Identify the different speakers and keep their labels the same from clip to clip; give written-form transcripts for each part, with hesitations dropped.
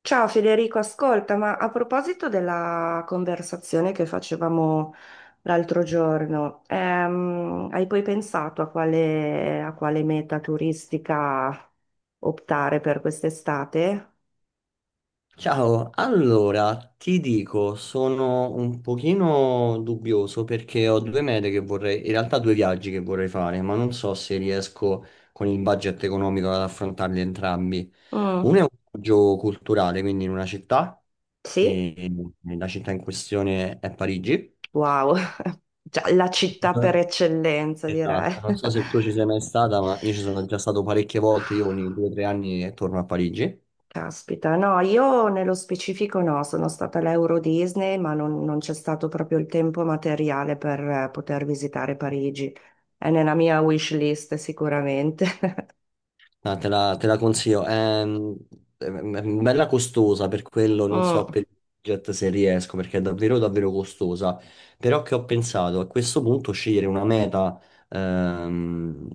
Speaker 1: Ciao Federico, ascolta, ma a proposito della conversazione che facevamo l'altro giorno, hai poi pensato a quale meta turistica optare per quest'estate?
Speaker 2: Ciao, allora ti dico, sono un pochino dubbioso perché ho due mete che vorrei, in realtà due viaggi che vorrei fare, ma non so se riesco con il budget economico ad affrontarli entrambi. Uno
Speaker 1: Mm,
Speaker 2: è un viaggio culturale, quindi in una città,
Speaker 1: sì?
Speaker 2: e la città in questione è Parigi.
Speaker 1: Wow, Già, la città per eccellenza direi.
Speaker 2: Esatto, non so se tu ci sei mai stata, ma io ci sono già stato parecchie volte, io ogni due o tre anni torno a Parigi.
Speaker 1: Caspita, no, io nello specifico no, sono stata all'Euro Disney, ma non c'è stato proprio il tempo materiale per poter visitare Parigi. È nella mia wish list sicuramente.
Speaker 2: No, te la consiglio. È, è bella costosa per quello, non so
Speaker 1: Mm,
Speaker 2: per il budget se riesco, perché è davvero davvero costosa. Però che ho pensato a questo punto scegliere una meta ehm,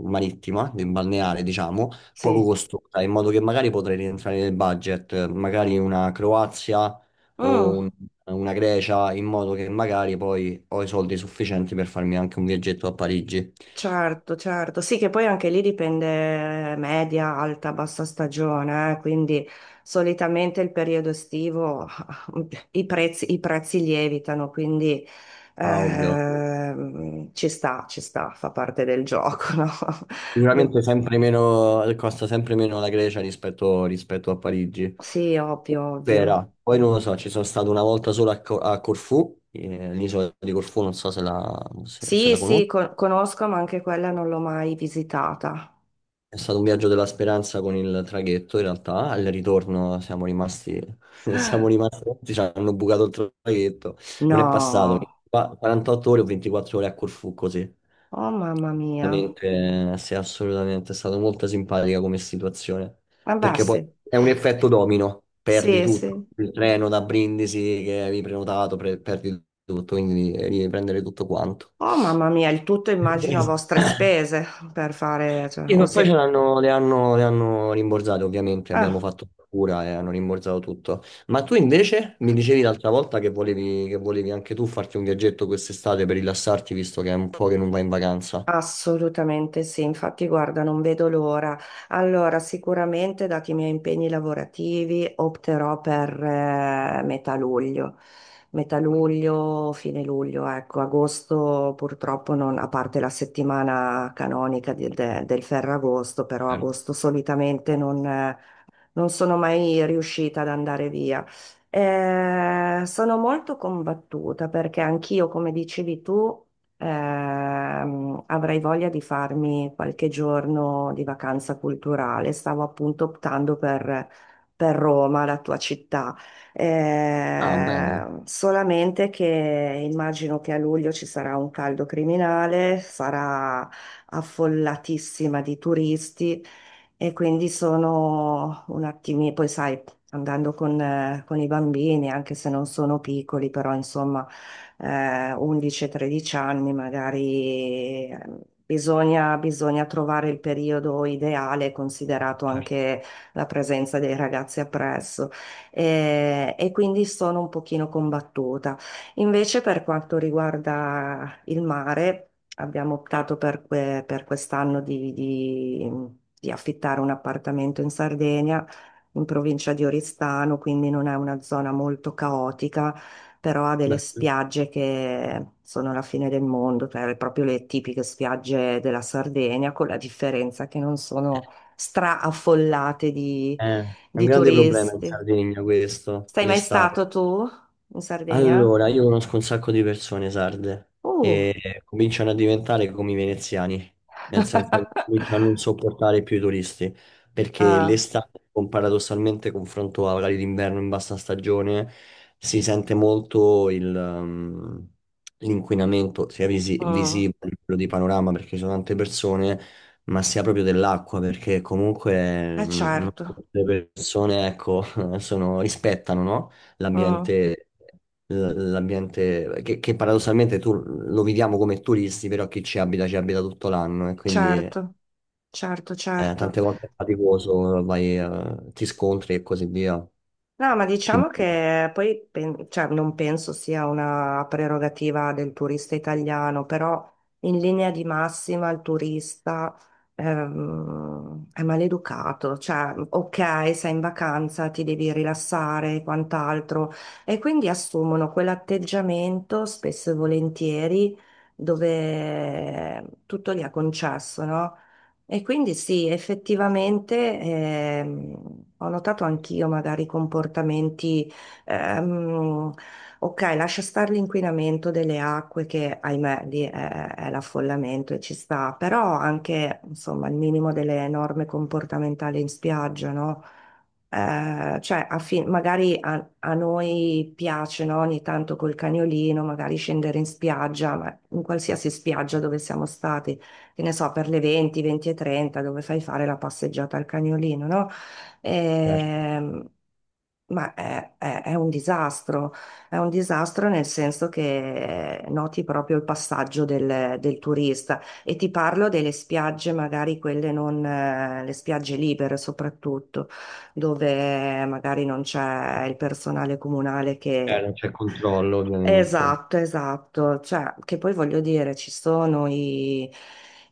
Speaker 2: marittima, balneare, diciamo, poco
Speaker 1: sì.
Speaker 2: costosa, in modo che magari potrei rientrare nel budget, magari una Croazia o
Speaker 1: Mm.
Speaker 2: una Grecia, in modo che magari poi ho i soldi sufficienti per farmi anche un viaggetto a Parigi.
Speaker 1: Certo, certo, sì che poi anche lì dipende media, alta, bassa stagione, quindi solitamente il periodo estivo i prezzi lievitano, quindi
Speaker 2: Ah, ovvio.
Speaker 1: ci sta, fa parte del gioco, no? De-
Speaker 2: Sicuramente sempre meno, costa sempre meno la Grecia rispetto a Parigi.
Speaker 1: Sì, ovvio, ovvio.
Speaker 2: Spera. Poi non lo so, ci sono stato una volta solo a Corfù, l'isola di Corfù, non so se
Speaker 1: Sì,
Speaker 2: la
Speaker 1: sì,
Speaker 2: conosci.
Speaker 1: conosco, ma anche quella non l'ho mai visitata.
Speaker 2: È stato un viaggio della speranza con il traghetto, in realtà. Al ritorno siamo rimasti, siamo rimasti, ci hanno bucato il traghetto.
Speaker 1: No,
Speaker 2: Non è passato, qua 48 ore o 24 ore a Corfù così.
Speaker 1: oh mamma mia,
Speaker 2: Veramente, sì, assolutamente, è stata molto simpatica come situazione,
Speaker 1: vabbè
Speaker 2: perché poi
Speaker 1: sì,
Speaker 2: è un effetto domino, perdi
Speaker 1: sì,
Speaker 2: tutto,
Speaker 1: sì.
Speaker 2: il treno da Brindisi che avevi prenotato, perdi tutto, quindi devi riprendere tutto quanto.
Speaker 1: Oh mamma mia, il tutto immagino a vostre spese per fare, cioè,
Speaker 2: Sì,
Speaker 1: o
Speaker 2: ma poi ce
Speaker 1: se-
Speaker 2: l'hanno, le hanno rimborsate, ovviamente, abbiamo
Speaker 1: ah,
Speaker 2: fatto cura e hanno rimborsato tutto. Ma tu invece mi dicevi l'altra volta che volevi anche tu farti un viaggetto quest'estate per rilassarti, visto che è un po' che non vai in vacanza.
Speaker 1: assolutamente sì, infatti guarda, non vedo l'ora. Allora, sicuramente dati i miei impegni lavorativi opterò per metà luglio, fine luglio, ecco, agosto purtroppo non, a parte la settimana canonica del Ferragosto, però agosto solitamente non sono mai riuscita ad andare via. Sono molto combattuta perché anch'io, come dicevi tu, avrei voglia di farmi qualche giorno di vacanza culturale. Stavo appunto optando per Roma, la tua città.
Speaker 2: Ah, bene,
Speaker 1: Solamente che immagino che a luglio ci sarà un caldo criminale, sarà affollatissima di turisti. E quindi sono un attimino, poi sai, andando con i bambini, anche se non sono piccoli, però insomma, 11-13 anni magari bisogna trovare il periodo ideale, considerato
Speaker 2: certo.
Speaker 1: anche la presenza dei ragazzi appresso. E quindi sono un pochino combattuta. Invece per quanto riguarda il mare, abbiamo optato per quest'anno di affittare un appartamento in Sardegna, in provincia di Oristano, quindi non è una zona molto caotica, però ha delle
Speaker 2: Beh.
Speaker 1: spiagge che sono la fine del mondo, cioè proprio le tipiche spiagge della Sardegna, con la differenza che non sono straaffollate di,
Speaker 2: È un
Speaker 1: di
Speaker 2: grande problema in
Speaker 1: turisti.
Speaker 2: Sardegna questo,
Speaker 1: Sei mai stato
Speaker 2: l'estate,
Speaker 1: tu in Sardegna?
Speaker 2: allora, io conosco un sacco di persone sarde
Speaker 1: Uh!
Speaker 2: e cominciano a diventare come i veneziani, nel senso che cominciano a non sopportare più i turisti, perché
Speaker 1: Ah,
Speaker 2: l'estate, paradossalmente, confronto a orari d'inverno in bassa stagione, si sente molto l'inquinamento, sia
Speaker 1: mm.
Speaker 2: visibile, quello di panorama, perché ci sono tante persone, ma sia proprio dell'acqua, perché comunque
Speaker 1: Eh
Speaker 2: non
Speaker 1: certo,
Speaker 2: tutte le persone, ecco, rispettano, no?
Speaker 1: mm,
Speaker 2: L'ambiente, l'ambiente che paradossalmente tu lo viviamo come turisti, però chi ci abita tutto l'anno e quindi
Speaker 1: certo, certo, certo.
Speaker 2: tante volte è faticoso, vai, ti scontri e così via.
Speaker 1: No, ma diciamo
Speaker 2: Quindi
Speaker 1: che poi cioè, non penso sia una prerogativa del turista italiano, però in linea di massima il turista è maleducato. Cioè, ok, sei in vacanza, ti devi rilassare e quant'altro, e quindi assumono quell'atteggiamento spesso e volentieri dove tutto gli è concesso, no? E quindi sì, effettivamente ho notato anch'io magari comportamenti, ehm, ok, lascia stare l'inquinamento delle acque che ahimè lì è l'affollamento e ci sta, però anche insomma il minimo delle norme comportamentali in spiaggia, no? Cioè, magari a noi piace, no, ogni tanto col cagnolino, magari scendere in spiaggia, ma in qualsiasi spiaggia dove siamo stati che ne so, per le 20, 20 e 30, dove fai fare la passeggiata al cagnolino, no?
Speaker 2: certo.
Speaker 1: Ehm, ma è un disastro, è un disastro nel senso che noti proprio il passaggio del turista e ti parlo delle spiagge, magari quelle non, le spiagge libere soprattutto, dove magari non c'è il personale comunale
Speaker 2: Eh,
Speaker 1: che
Speaker 2: non c'è controllo ovviamente.
Speaker 1: esatto, esatto, cioè, che poi voglio dire, ci sono i,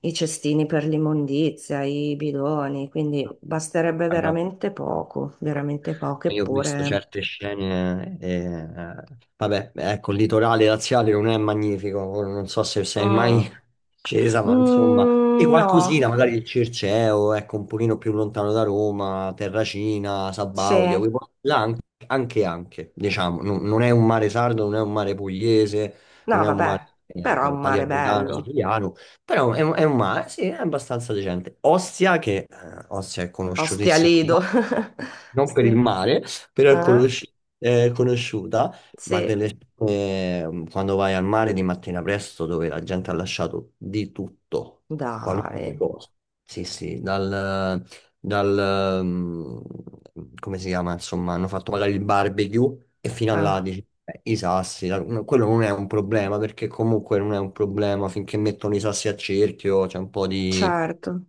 Speaker 1: i cestini per l'immondizia, i bidoni, quindi basterebbe
Speaker 2: Guarda,
Speaker 1: veramente poco,
Speaker 2: io ho visto
Speaker 1: eppure...
Speaker 2: certe scene, vabbè, ecco, il litorale laziale non è magnifico, ora non so se sei mai
Speaker 1: mm,
Speaker 2: scesa, ma insomma, e
Speaker 1: mm, no,
Speaker 2: qualcosina, magari il Circeo, ecco, un pochino più lontano da Roma, Terracina,
Speaker 1: sì,
Speaker 2: Sabaudia, quei
Speaker 1: no,
Speaker 2: posti là anche, diciamo, non è un mare sardo, non è un mare pugliese, non è un mare
Speaker 1: vabbè, però è un mare
Speaker 2: palermitano,
Speaker 1: bello,
Speaker 2: siciliano, però è, è un mare, sì, è abbastanza decente. Ostia, che Ostia è
Speaker 1: Ostia
Speaker 2: conosciutissima,
Speaker 1: Lido,
Speaker 2: no, non per il
Speaker 1: sì,
Speaker 2: mare, però è,
Speaker 1: eh?
Speaker 2: è conosciuta, ma
Speaker 1: Sì,
Speaker 2: quando vai al mare di mattina presto, dove la gente ha lasciato di tutto, qualunque
Speaker 1: dai,
Speaker 2: cosa. Sì, sì, dal, mm, come si chiama, insomma, hanno fatto magari il barbecue, e fino a là
Speaker 1: ah,
Speaker 2: dici, "Beh, i sassi, no, quello non è un problema perché comunque non è un problema finché mettono i sassi a cerchio, c'è un po'
Speaker 1: certo,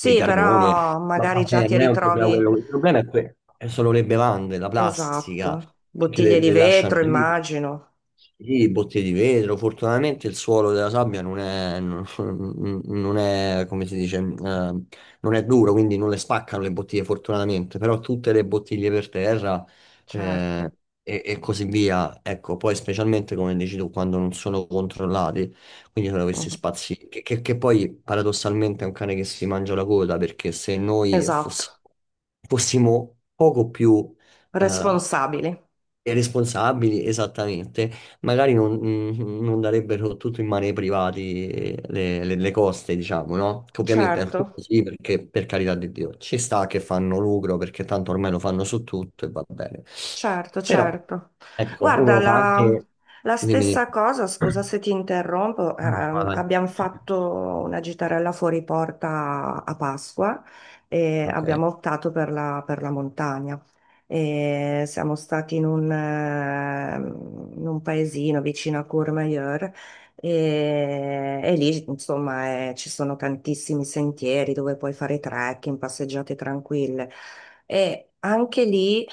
Speaker 2: di carbone,
Speaker 1: però
Speaker 2: ma
Speaker 1: magari già
Speaker 2: vabbè,
Speaker 1: ti
Speaker 2: non è un problema
Speaker 1: ritrovi...
Speaker 2: quello, il problema è è solo le bevande, la plastica,
Speaker 1: Esatto,
Speaker 2: che
Speaker 1: bottiglie di
Speaker 2: le lasciano
Speaker 1: vetro,
Speaker 2: lì,
Speaker 1: immagino,
Speaker 2: sì, bottiglie di vetro, fortunatamente il suolo della sabbia non è, non, non è, come si dice, non è duro, quindi non le spaccano le bottiglie fortunatamente, però tutte le bottiglie per terra
Speaker 1: certo,
Speaker 2: eh, e così via, ecco, poi specialmente come dici tu, quando non sono controllati. Quindi sono questi
Speaker 1: mhm.
Speaker 2: spazi che poi paradossalmente è un cane che si mangia la coda perché se noi
Speaker 1: Esatto,
Speaker 2: fossimo poco più eh,
Speaker 1: responsabili,
Speaker 2: responsabili, esattamente, magari non darebbero tutto in mano ai privati le coste, diciamo, no? Che ovviamente alcuni
Speaker 1: certo.
Speaker 2: sì, perché per carità di Dio ci sta che fanno lucro perché tanto ormai lo fanno su tutto e va bene.
Speaker 1: Certo,
Speaker 2: Però,
Speaker 1: certo.
Speaker 2: ecco, uno
Speaker 1: Guarda,
Speaker 2: lo fa
Speaker 1: la,
Speaker 2: anche
Speaker 1: la
Speaker 2: di minimo.
Speaker 1: stessa cosa, scusa se ti interrompo,
Speaker 2: No, no, vai.
Speaker 1: abbiamo fatto una gitarella fuori porta a Pasqua e
Speaker 2: Ok.
Speaker 1: abbiamo optato per la montagna. E siamo stati in un paesino vicino a Courmayeur e lì, insomma, ci sono tantissimi sentieri dove puoi fare trekking, passeggiate tranquille. E anche lì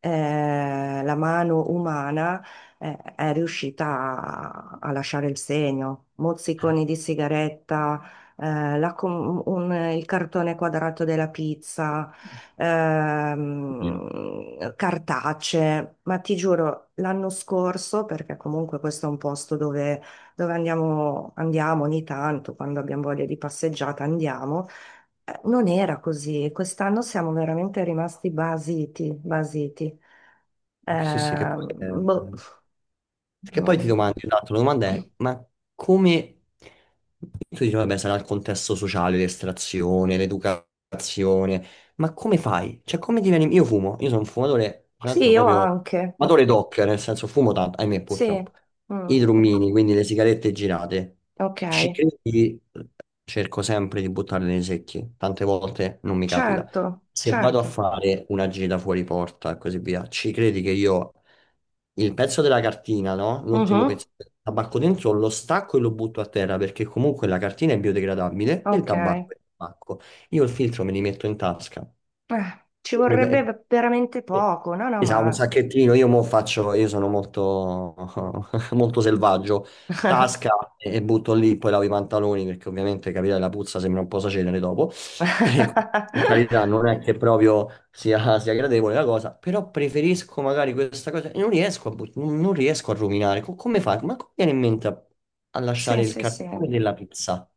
Speaker 1: la mano umana è riuscita a lasciare il segno. Mozziconi di sigaretta, il cartone quadrato della pizza,
Speaker 2: Io.
Speaker 1: cartacee, ma ti giuro, l'anno scorso, perché comunque questo è un posto dove andiamo ogni tanto, quando abbiamo voglia di passeggiata andiamo. Non era così, e quest'anno siamo veramente rimasti basiti, basiti.
Speaker 2: Sì, sì,
Speaker 1: Eh, Boh,
Speaker 2: che poi ti
Speaker 1: non-
Speaker 2: domandi, esatto, la domanda è, ma come... Tu dici, vabbè, sarà il contesto sociale, l'estrazione, l'educazione, ma come fai? Cioè, come diveni... Io fumo, io sono un fumatore, tra
Speaker 1: Sì,
Speaker 2: l'altro
Speaker 1: io
Speaker 2: proprio...
Speaker 1: anche,
Speaker 2: fumatore doc, nel senso fumo tanto, ahimè,
Speaker 1: sì,
Speaker 2: purtroppo.
Speaker 1: mm,
Speaker 2: I drummini, quindi le sigarette girate.
Speaker 1: ok,
Speaker 2: Ci credi? Cerco sempre di buttarle nei secchi, tante volte non mi capita.
Speaker 1: certo,
Speaker 2: Se vado a
Speaker 1: certo,
Speaker 2: fare una gita fuori porta e così via, ci credi che io il pezzo della cartina, no? L'ultimo
Speaker 1: mhm,
Speaker 2: pezzo del tabacco dentro lo stacco e lo butto a terra perché comunque la cartina è biodegradabile e il
Speaker 1: ok.
Speaker 2: tabacco è tabacco. Io il filtro me li metto in tasca.
Speaker 1: Ci
Speaker 2: Il problema è-
Speaker 1: vorrebbe veramente
Speaker 2: Eh,
Speaker 1: poco, no, no,
Speaker 2: Esatto, un
Speaker 1: ma...
Speaker 2: sacchettino, io mo faccio, io sono molto, molto selvaggio, tasca e butto lì, poi lavo i pantaloni perché ovviamente capire la puzza sembra un po' sacenere dopo, e in carità non è che proprio sia gradevole la cosa, però preferisco magari questa cosa, e non riesco a, non riesco a ruminare, come fai? Ma come viene in mente a, a lasciare
Speaker 1: Sì,
Speaker 2: il
Speaker 1: sì, sì.
Speaker 2: cartone della pizza?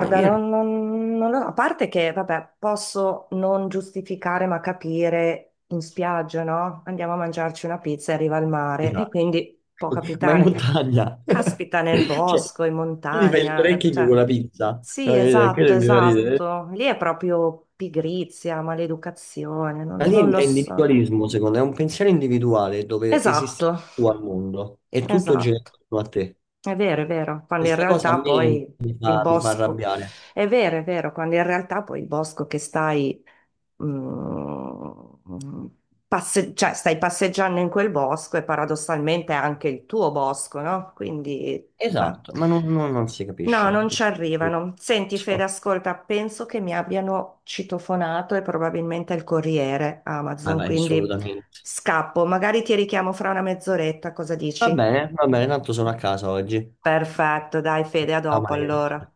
Speaker 2: Ma io-
Speaker 1: non lo so, a parte che, vabbè, posso non giustificare ma capire in spiaggia, no? Andiamo a mangiarci una pizza e arriva il mare e
Speaker 2: Esatto.
Speaker 1: quindi può
Speaker 2: Ma in
Speaker 1: capitare.
Speaker 2: montagna.
Speaker 1: Caspita nel
Speaker 2: Cioè,
Speaker 1: bosco, in
Speaker 2: tu ti fai il
Speaker 1: montagna,
Speaker 2: trekking
Speaker 1: cioè,
Speaker 2: con la pizza. No,
Speaker 1: sì,
Speaker 2: capito? Quello è
Speaker 1: esatto,
Speaker 2: il mio ridere.
Speaker 1: esatto. Lì è proprio pigrizia, maleducazione,
Speaker 2: Ma
Speaker 1: non,
Speaker 2: lì
Speaker 1: non lo
Speaker 2: è
Speaker 1: so.
Speaker 2: individualismo, secondo me, è un pensiero individuale dove esisti
Speaker 1: Esatto,
Speaker 2: tu al mondo e tutto gira
Speaker 1: esatto.
Speaker 2: intorno a te.
Speaker 1: È vero, quando in
Speaker 2: Questa cosa a
Speaker 1: realtà
Speaker 2: me
Speaker 1: poi il
Speaker 2: mi fa
Speaker 1: bosco,
Speaker 2: arrabbiare.
Speaker 1: è vero, quando in realtà poi il bosco che stai, mm, cioè stai passeggiando in quel bosco e paradossalmente è anche il tuo bosco, no? Quindi, ma-
Speaker 2: Esatto, ma non si
Speaker 1: no,
Speaker 2: capisce.
Speaker 1: non ci arrivano. Senti, Fede,
Speaker 2: So.
Speaker 1: ascolta, penso che mi abbiano citofonato e probabilmente il corriere
Speaker 2: Vai,
Speaker 1: Amazon,
Speaker 2: vai,
Speaker 1: quindi
Speaker 2: assolutamente.
Speaker 1: scappo, magari ti richiamo fra una mezz'oretta, cosa dici?
Speaker 2: Va bene, tanto sono a casa oggi.
Speaker 1: Perfetto, dai Fede, a
Speaker 2: Ciao,
Speaker 1: dopo
Speaker 2: Maria, grazie.
Speaker 1: allora.